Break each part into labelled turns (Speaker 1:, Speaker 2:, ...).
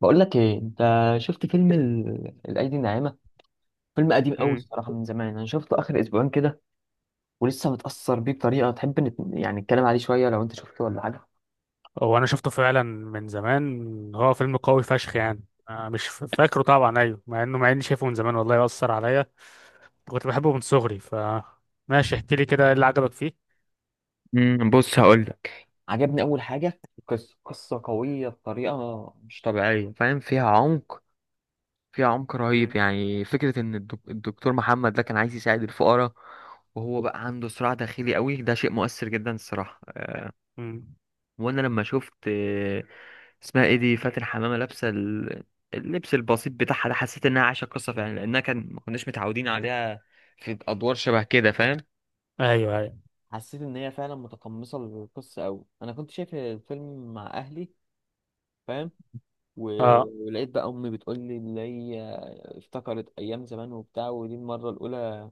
Speaker 1: بقول لك ايه انت؟ شفت فيلم الايدي الناعمه. فيلم قديم قوي
Speaker 2: مم.
Speaker 1: الصراحه، من زمان انا شفته اخر اسبوعين كده، ولسه متاثر بيه بطريقه. تحب يعني نتكلم عليه شويه لو انت شفته ولا حاجه.
Speaker 2: هو انا شفته فعلا من زمان، هو فيلم قوي فشخ يعني. أنا مش فاكره طبعا، ايوه، مع اني شايفه من زمان، والله اثر عليا. كنت بحبه من صغري، ف ماشي، احكي لي كده، ايه اللي عجبك فيه؟
Speaker 1: بص، هقول لك. عجبني اول حاجه قصه قصه قويه بطريقه مش طبيعيه، فاهم؟ فيها عمق، فيها عمق رهيب.
Speaker 2: مم.
Speaker 1: يعني فكره ان الدكتور محمد ده كان عايز يساعد الفقراء، وهو بقى عنده صراع داخلي قوي. ده شيء مؤثر جدا الصراحه.
Speaker 2: مم.
Speaker 1: وانا لما شفت اسمها ايه دي، فاتن حمامه، لابسه اللبس البسيط بتاعها ده، حسيت انها عايشه قصه فعلا، لانها كان ما كناش متعودين عليها في ادوار شبه كده، فاهم.
Speaker 2: ايوه، ايوه.
Speaker 1: حسيت ان هي فعلا متقمصه القصه قوي. انا كنت شايف الفيلم مع اهلي، فاهم،
Speaker 2: اه،
Speaker 1: ولقيت بقى امي بتقول لي، اللي هي افتكرت ايام زمان وبتاع، ودي المره الاولى.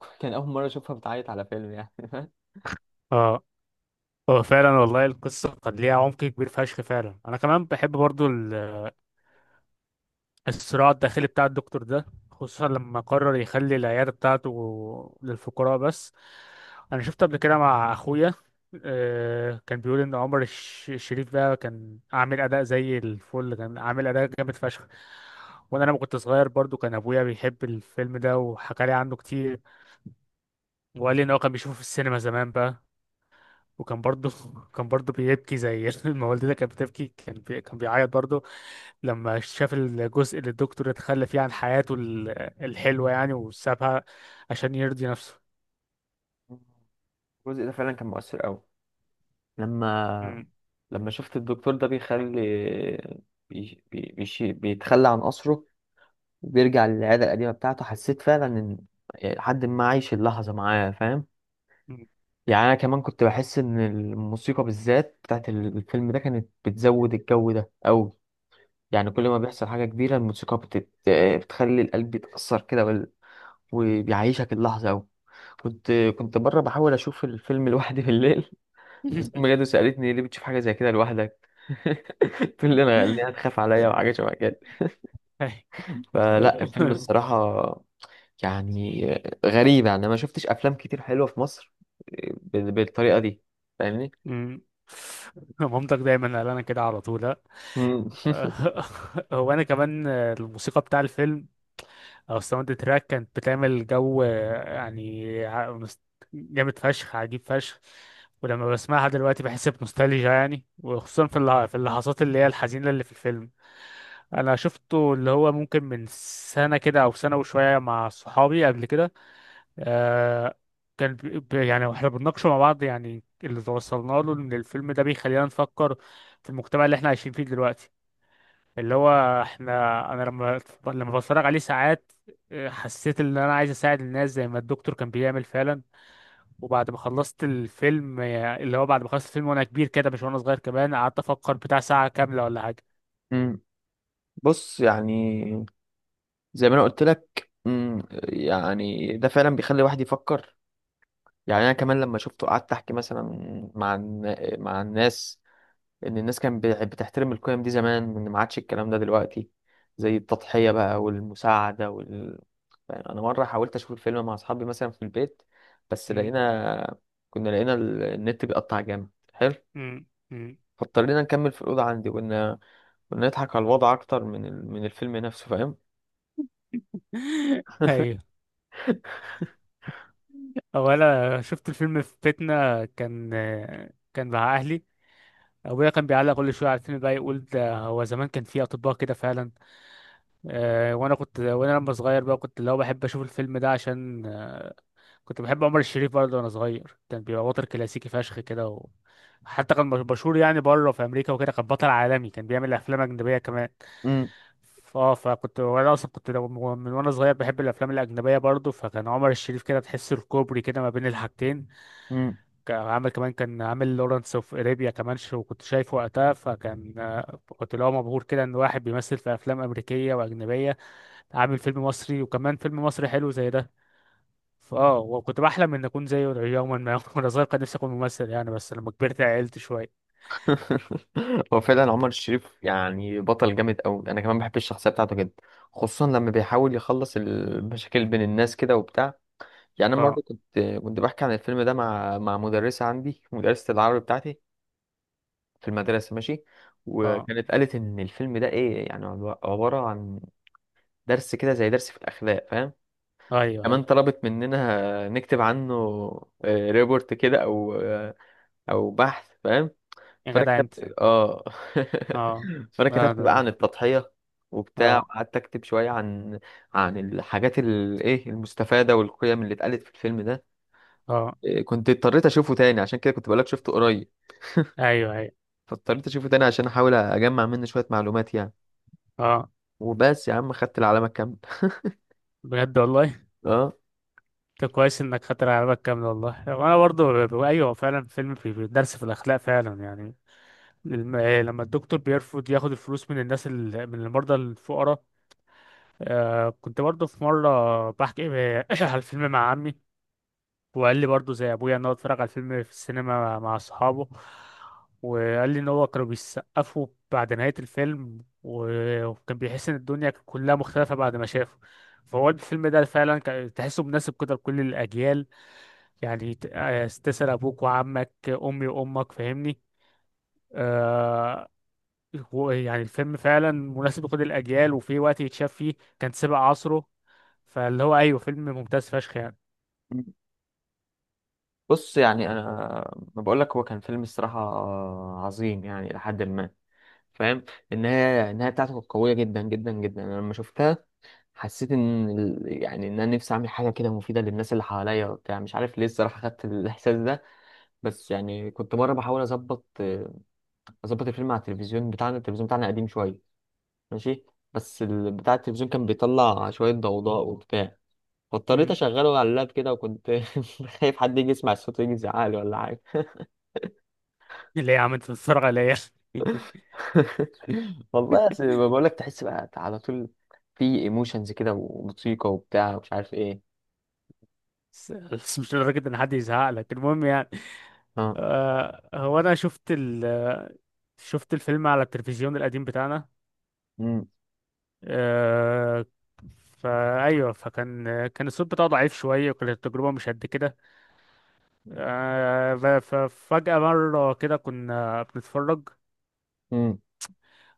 Speaker 1: كان اول مره اشوفها بتعيط على فيلم يعني.
Speaker 2: اه. هو فعلا والله، القصه قد ليها عمق كبير فشخ فعلا، انا كمان بحب برضو. الصراع الداخلي بتاع الدكتور ده، خصوصا لما قرر يخلي العيادة بتاعته للفقراء بس. أنا شفت قبل كده مع أخويا. كان بيقول إن عمر الشريف ده كان عامل أداء زي الفل، كان عامل أداء جامد فشخ. وأنا لما كنت صغير برضو، كان أبويا بيحب الفيلم ده وحكى لي عنه كتير. وقال لي إن هو كان بيشوفه في السينما زمان بقى. وكان برضو كان برضو بيبكي زي ما والدتي كانت بتبكي، كان بيعيط برضو، لما شاف الجزء اللي الدكتور اتخلى فيه عن حياته الحلوة يعني، وسابها عشان يرضي نفسه.
Speaker 1: الجزء ده فعلا كان مؤثر قوي، لما
Speaker 2: مم.
Speaker 1: لما شفت الدكتور ده بيخلي بيتخلى عن قصره، وبيرجع للعادة القديمة بتاعته، حسيت فعلا إن، يعني، لحد ما عايش اللحظة معاه، فاهم.
Speaker 2: مم.
Speaker 1: يعني أنا كمان كنت بحس إن الموسيقى بالذات بتاعت الفيلم ده كانت بتزود الجو ده أوي. يعني كل
Speaker 2: مم.
Speaker 1: ما بيحصل حاجة كبيرة الموسيقى بتخلي القلب يتأثر كده وبيعيشك اللحظة أوي. كنت كنت بره بحاول أشوف الفيلم لوحدي بالليل. بس أمي جت وسألتني ليه بتشوف حاجة زي كده لوحدك. تقول لي أنا ليه هتخاف عليا، وحاجة شبه كده.
Speaker 2: أي.
Speaker 1: فلا، الفيلم الصراحة يعني غريب. يعني أنا ما شفتش أفلام كتير حلوة في مصر بالطريقة دي، فاهمني.
Speaker 2: مم. مامتك دايما قال انا كده على طول، ها؟
Speaker 1: مم.
Speaker 2: هو انا كمان، الموسيقى بتاع الفيلم او الساوند تراك كانت بتعمل جو، يعني جامد فشخ، عجيب فشخ. ولما بسمعها دلوقتي بحس بنوستالجيا يعني، وخصوصا في اللحظات اللي هي الحزينة اللي في الفيلم. انا شفته، اللي هو ممكن من سنه كده او سنه وشويه، مع صحابي قبل كده. آه يعني، واحنا بنناقشه مع بعض، يعني اللي توصلنا له ان الفيلم ده بيخلينا نفكر في المجتمع اللي احنا عايشين فيه دلوقتي، اللي هو انا لما بتفرج عليه ساعات، حسيت ان انا عايز اساعد الناس زي ما الدكتور كان بيعمل فعلا. وبعد ما خلصت الفيلم، اللي هو بعد ما خلصت الفيلم وانا كبير كده، مش وانا صغير كمان، قعدت افكر بتاع ساعه كامله ولا حاجه.
Speaker 1: مم. بص، يعني زي ما أنا قلت لك يعني ده فعلا بيخلي الواحد يفكر. يعني أنا كمان لما شفته قعدت أحكي مثلا مع مع الناس ان الناس كانت بتحترم القيم دي زمان، ان ما عادش الكلام ده دلوقتي، زي التضحية بقى والمساعدة يعني انا مرة حاولت اشوف الفيلم مع اصحابي مثلا في البيت، بس
Speaker 2: م-
Speaker 1: كنا لقينا النت بيقطع جامد حلو،
Speaker 2: م- م.
Speaker 1: فاضطرينا نكمل في الأوضة عندي، وإن نضحك على الوضع أكتر من الفيلم نفسه، فاهم؟
Speaker 2: ايوه. هو انا شفت الفيلم في بيتنا، كان مع اهلي. ابويا كان بيعلق كل شويه على الفيلم بقى، يقول ده هو زمان كان في اطباء كده فعلا. وانا لما صغير بقى، كنت اللي هو بحب اشوف الفيلم ده عشان، كنت بحب عمر الشريف برضه وانا صغير، كان بيبقى بطل كلاسيكي فشخ كده حتى كان مشهور يعني، بره في امريكا وكده، كان بطل عالمي، كان بيعمل افلام اجنبيه كمان.
Speaker 1: امم
Speaker 2: اه فكنت، وانا اصلا كنت من وانا صغير بحب الافلام الاجنبيه برضه، فكان عمر الشريف كده، تحس الكوبري كده ما بين الحاجتين.
Speaker 1: امم.
Speaker 2: كان عامل لورنس اوف ارابيا كمان، شو كنت شايفه وقتها. فكان كنت اللي هو مبهور كده، ان واحد بيمثل في افلام امريكيه واجنبيه، عامل فيلم مصري، وكمان فيلم مصري حلو زي ده. وكنت بحلم ان اكون زيه يوما ما. وانا صغير كان نفسي اكون ممثل يعني، بس لما كبرت عقلت شويه.
Speaker 1: هو فعلا عمر الشريف يعني بطل جامد قوي. انا كمان بحب الشخصيه بتاعته جدا، خصوصا لما بيحاول يخلص المشاكل بين الناس كده وبتاع. يعني انا مره
Speaker 2: اه،
Speaker 1: كنت بحكي عن الفيلم ده مع مدرسه عندي، مدرسه العربي بتاعتي في المدرسه، ماشي.
Speaker 2: اه.
Speaker 1: وكانت قالت ان الفيلم ده ايه يعني، عباره عن درس كده، زي درس في الاخلاق، فاهم.
Speaker 2: ايوه،
Speaker 1: كمان
Speaker 2: ايوه.
Speaker 1: طلبت مننا نكتب عنه ريبورت كده، او او بحث، فاهم.
Speaker 2: يا
Speaker 1: فانا
Speaker 2: جدع انت!
Speaker 1: كتبت اه
Speaker 2: اه،
Speaker 1: فانا
Speaker 2: اه،
Speaker 1: كتبت
Speaker 2: ده،
Speaker 1: بقى عن التضحيه وبتاع،
Speaker 2: اه،
Speaker 1: وقعدت اكتب شويه عن الحاجات، الايه، المستفاده، والقيم اللي اتقالت في الفيلم ده.
Speaker 2: اه.
Speaker 1: كنت اضطريت اشوفه تاني عشان كده، كنت بقولك شفته قريب.
Speaker 2: ايوه، ايوه،
Speaker 1: فاضطريت اشوفه تاني عشان احاول اجمع منه شوية معلومات يعني.
Speaker 2: اه.
Speaker 1: وبس يا عم، خدت العلامة الكاملة.
Speaker 2: بجد والله.
Speaker 1: اه.
Speaker 2: طب كويس انك خاطر على بالك كامل، والله وانا برضو، ايوه فعلا، فيلم، في درس في الاخلاق فعلا يعني. لما الدكتور بيرفض ياخد الفلوس من الناس، من المرضى الفقراء. كنت برضه في مرة بحكي على الفيلم مع عمي، وقال لي برضه زي أبويا إن هو اتفرج على الفيلم في السينما مع أصحابه. وقال لي إن هو كانوا بيسقفوا بعد نهاية الفيلم، و- وكان بيحس إن الدنيا كلها مختلفة بعد ما شافه. فهو الفيلم ده فعلا، تحسه مناسب كده لكل الأجيال، يعني تسأل أبوك وعمك، أمي وأمك، فاهمني؟ آه، هو يعني الفيلم فعلا مناسب لكل الأجيال، وفي وقت يتشاف فيه، كان سابق عصره. فاللي هو، أيوه، فيلم ممتاز فشخ يعني.
Speaker 1: بص يعني، انا ما بقول لك، هو كان فيلم الصراحه عظيم يعني، لحد ما، فاهم. النهايه، النهايه بتاعته كانت قويه جدا جدا جدا. انا لما شفتها حسيت ان يعني ان انا نفسي اعمل حاجه كده مفيده للناس اللي حواليا وبتاع، مش عارف ليه الصراحه خدت الاحساس ده. بس يعني كنت مره بحاول اظبط الفيلم على التلفزيون بتاعنا. التلفزيون بتاعنا قديم شويه، ماشي، بس بتاع التلفزيون كان بيطلع شوية ضوضاء وبتاع. فاضطريت
Speaker 2: مم.
Speaker 1: أشغله على اللاب كده، وكنت خايف حد يجي يسمع الصوت ويجي يزعق لي، ولا حاجة.
Speaker 2: اللي هي عملت تتفرج عليا.
Speaker 1: والله أصل بقول لك، تحس بقى على طول في ايموشنز كده، وموسيقى، وبتاع، ومش عارف ايه.
Speaker 2: بس، بس، مش لدرجة إن حد يزهق لك، المهم يعني.
Speaker 1: اه.
Speaker 2: هو أنا شفت الفيلم على التلفزيون القديم بتاعنا.
Speaker 1: امم
Speaker 2: آه فأيوه، فكان الصوت بتاعه ضعيف شوية، وكانت التجربة مش قد كده. آه ف- ففجأة مرة كده كنا بنتفرج
Speaker 1: امم.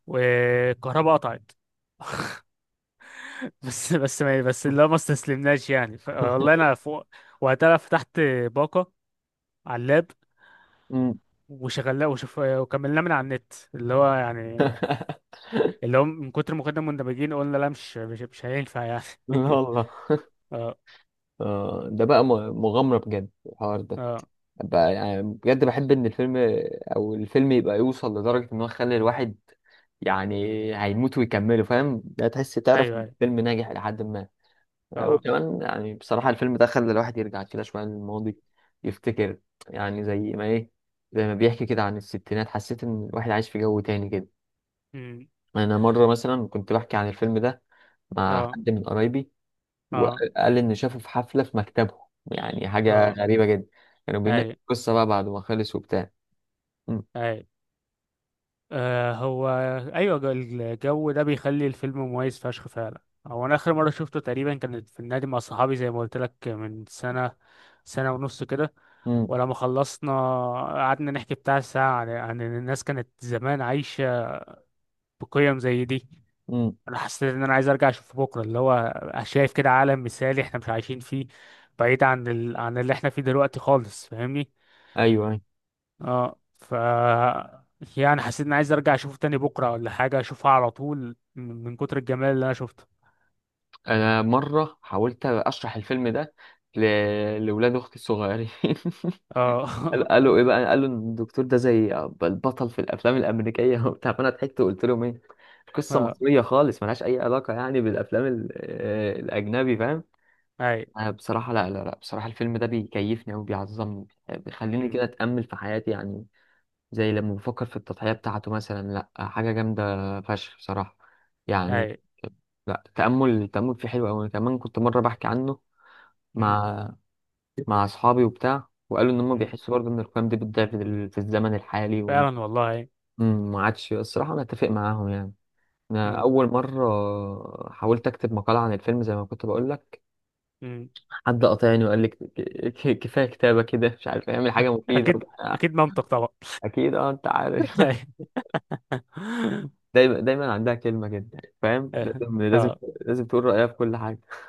Speaker 2: والكهرباء قطعت. بس اللي هو ما استسلمناش يعني، والله انا فوق وقتها، فتحت باقه على اللاب
Speaker 1: امم.
Speaker 2: وشغلناه، وكملناه من على النت، اللي هو يعني، اللي هو من كتر ما كنا مندمجين، قلنا لا، مش هينفع يعني.
Speaker 1: لا والله.
Speaker 2: اه،
Speaker 1: ده بقى مغامرة بجد الحوار ده.
Speaker 2: اه،
Speaker 1: يعني بجد بحب ان الفيلم، او الفيلم يبقى يوصل لدرجة ان هو يخلي الواحد، يعني، هيموت ويكمله، فاهم، لا، تحس، تعرف
Speaker 2: ايوه،
Speaker 1: إن
Speaker 2: ايوه،
Speaker 1: الفيلم ناجح الى حد ما.
Speaker 2: اه.
Speaker 1: وكمان يعني بصراحة الفيلم ده خلى الواحد يرجع كده شوية للماضي، يفتكر، يعني زي ما بيحكي كده عن الستينات، حسيت ان الواحد عايش في جو تاني كده.
Speaker 2: أمم،
Speaker 1: انا مرة مثلا كنت بحكي عن الفيلم ده مع
Speaker 2: اه،
Speaker 1: حد من قرايبي،
Speaker 2: اه،
Speaker 1: وقال إن شافه في حفلة في مكتبه. يعني حاجة
Speaker 2: اه،
Speaker 1: غريبة جدا. كانوا بيناقشوا
Speaker 2: ايوه،
Speaker 1: القصة بقى بعد ما خلص وبتاع. مم.
Speaker 2: ايوه. هو، ايوه، الجو ده بيخلي الفيلم مميز فشخ فعلا. هو انا اخر مره شفته تقريبا كانت في النادي مع صحابي، زي ما قلت لك، من سنه، سنه ونص كده.
Speaker 1: مم.
Speaker 2: ولما خلصنا، قعدنا نحكي بتاع ساعه عن ان الناس كانت زمان عايشه بقيم زي دي.
Speaker 1: مم.
Speaker 2: انا حسيت ان انا عايز ارجع اشوفه بكره، اللي هو شايف كده عالم مثالي احنا مش عايشين فيه، بعيد عن اللي احنا فيه دلوقتي خالص، فاهمني؟
Speaker 1: ايوه، أيوة.
Speaker 2: اه ف يعني حسيت اني عايز ارجع اشوفه تاني بكره، ولا حاجه اشوفها على طول، من كتر الجمال اللي انا شفته.
Speaker 1: انا مره حاولت اشرح الفيلم ده ل... لاولاد اختي الصغيرين.
Speaker 2: اه.
Speaker 1: قالوا ايه بقى، قالوا ان الدكتور ده زي البطل في الافلام الامريكيه وبتاع، فانا ضحكت وقلت لهم ايه، قصه
Speaker 2: اه.
Speaker 1: مصريه خالص، ملهاش اي علاقه يعني بالافلام ال... آه، الاجنبي، فاهم.
Speaker 2: اي.
Speaker 1: أنا بصراحه، لا لا لا، بصراحه الفيلم ده بيكيفني وبيعظمني، بيخليني كده
Speaker 2: أمم،
Speaker 1: اتامل في حياتي يعني. زي لما بفكر في التضحيه بتاعته مثلا، لا، حاجه جامده فشخ بصراحه يعني.
Speaker 2: اي.
Speaker 1: لا، التأمل التأمل فيه حلو أوي. أنا كمان كنت مرة بحكي عنه
Speaker 2: أمم،
Speaker 1: مع مع أصحابي وبتاع، وقالوا إن هم
Speaker 2: أمم.
Speaker 1: بيحسوا برضه إن القيم دي بتضيع في الزمن الحالي،
Speaker 2: فعلا والله، أي.
Speaker 1: وما عادش الصراحة أنا أتفق معاهم يعني. أنا
Speaker 2: أمم،
Speaker 1: أول مرة حاولت أكتب مقالة عن الفيلم زي ما كنت بقول لك،
Speaker 2: أمم.
Speaker 1: حد قاطعني وقال لي، كفاية كتابة كده، مش عارف أعمل حاجة مفيدة
Speaker 2: اكيد،
Speaker 1: وبتاع.
Speaker 2: اكيد منطق طبعا.
Speaker 1: أكيد. أه أنت عارف. دايما دايما عندها كلمة كده، فاهم،
Speaker 2: أي.
Speaker 1: لازم لازم
Speaker 2: اه.
Speaker 1: لازم تقول رأيها في كل حاجة.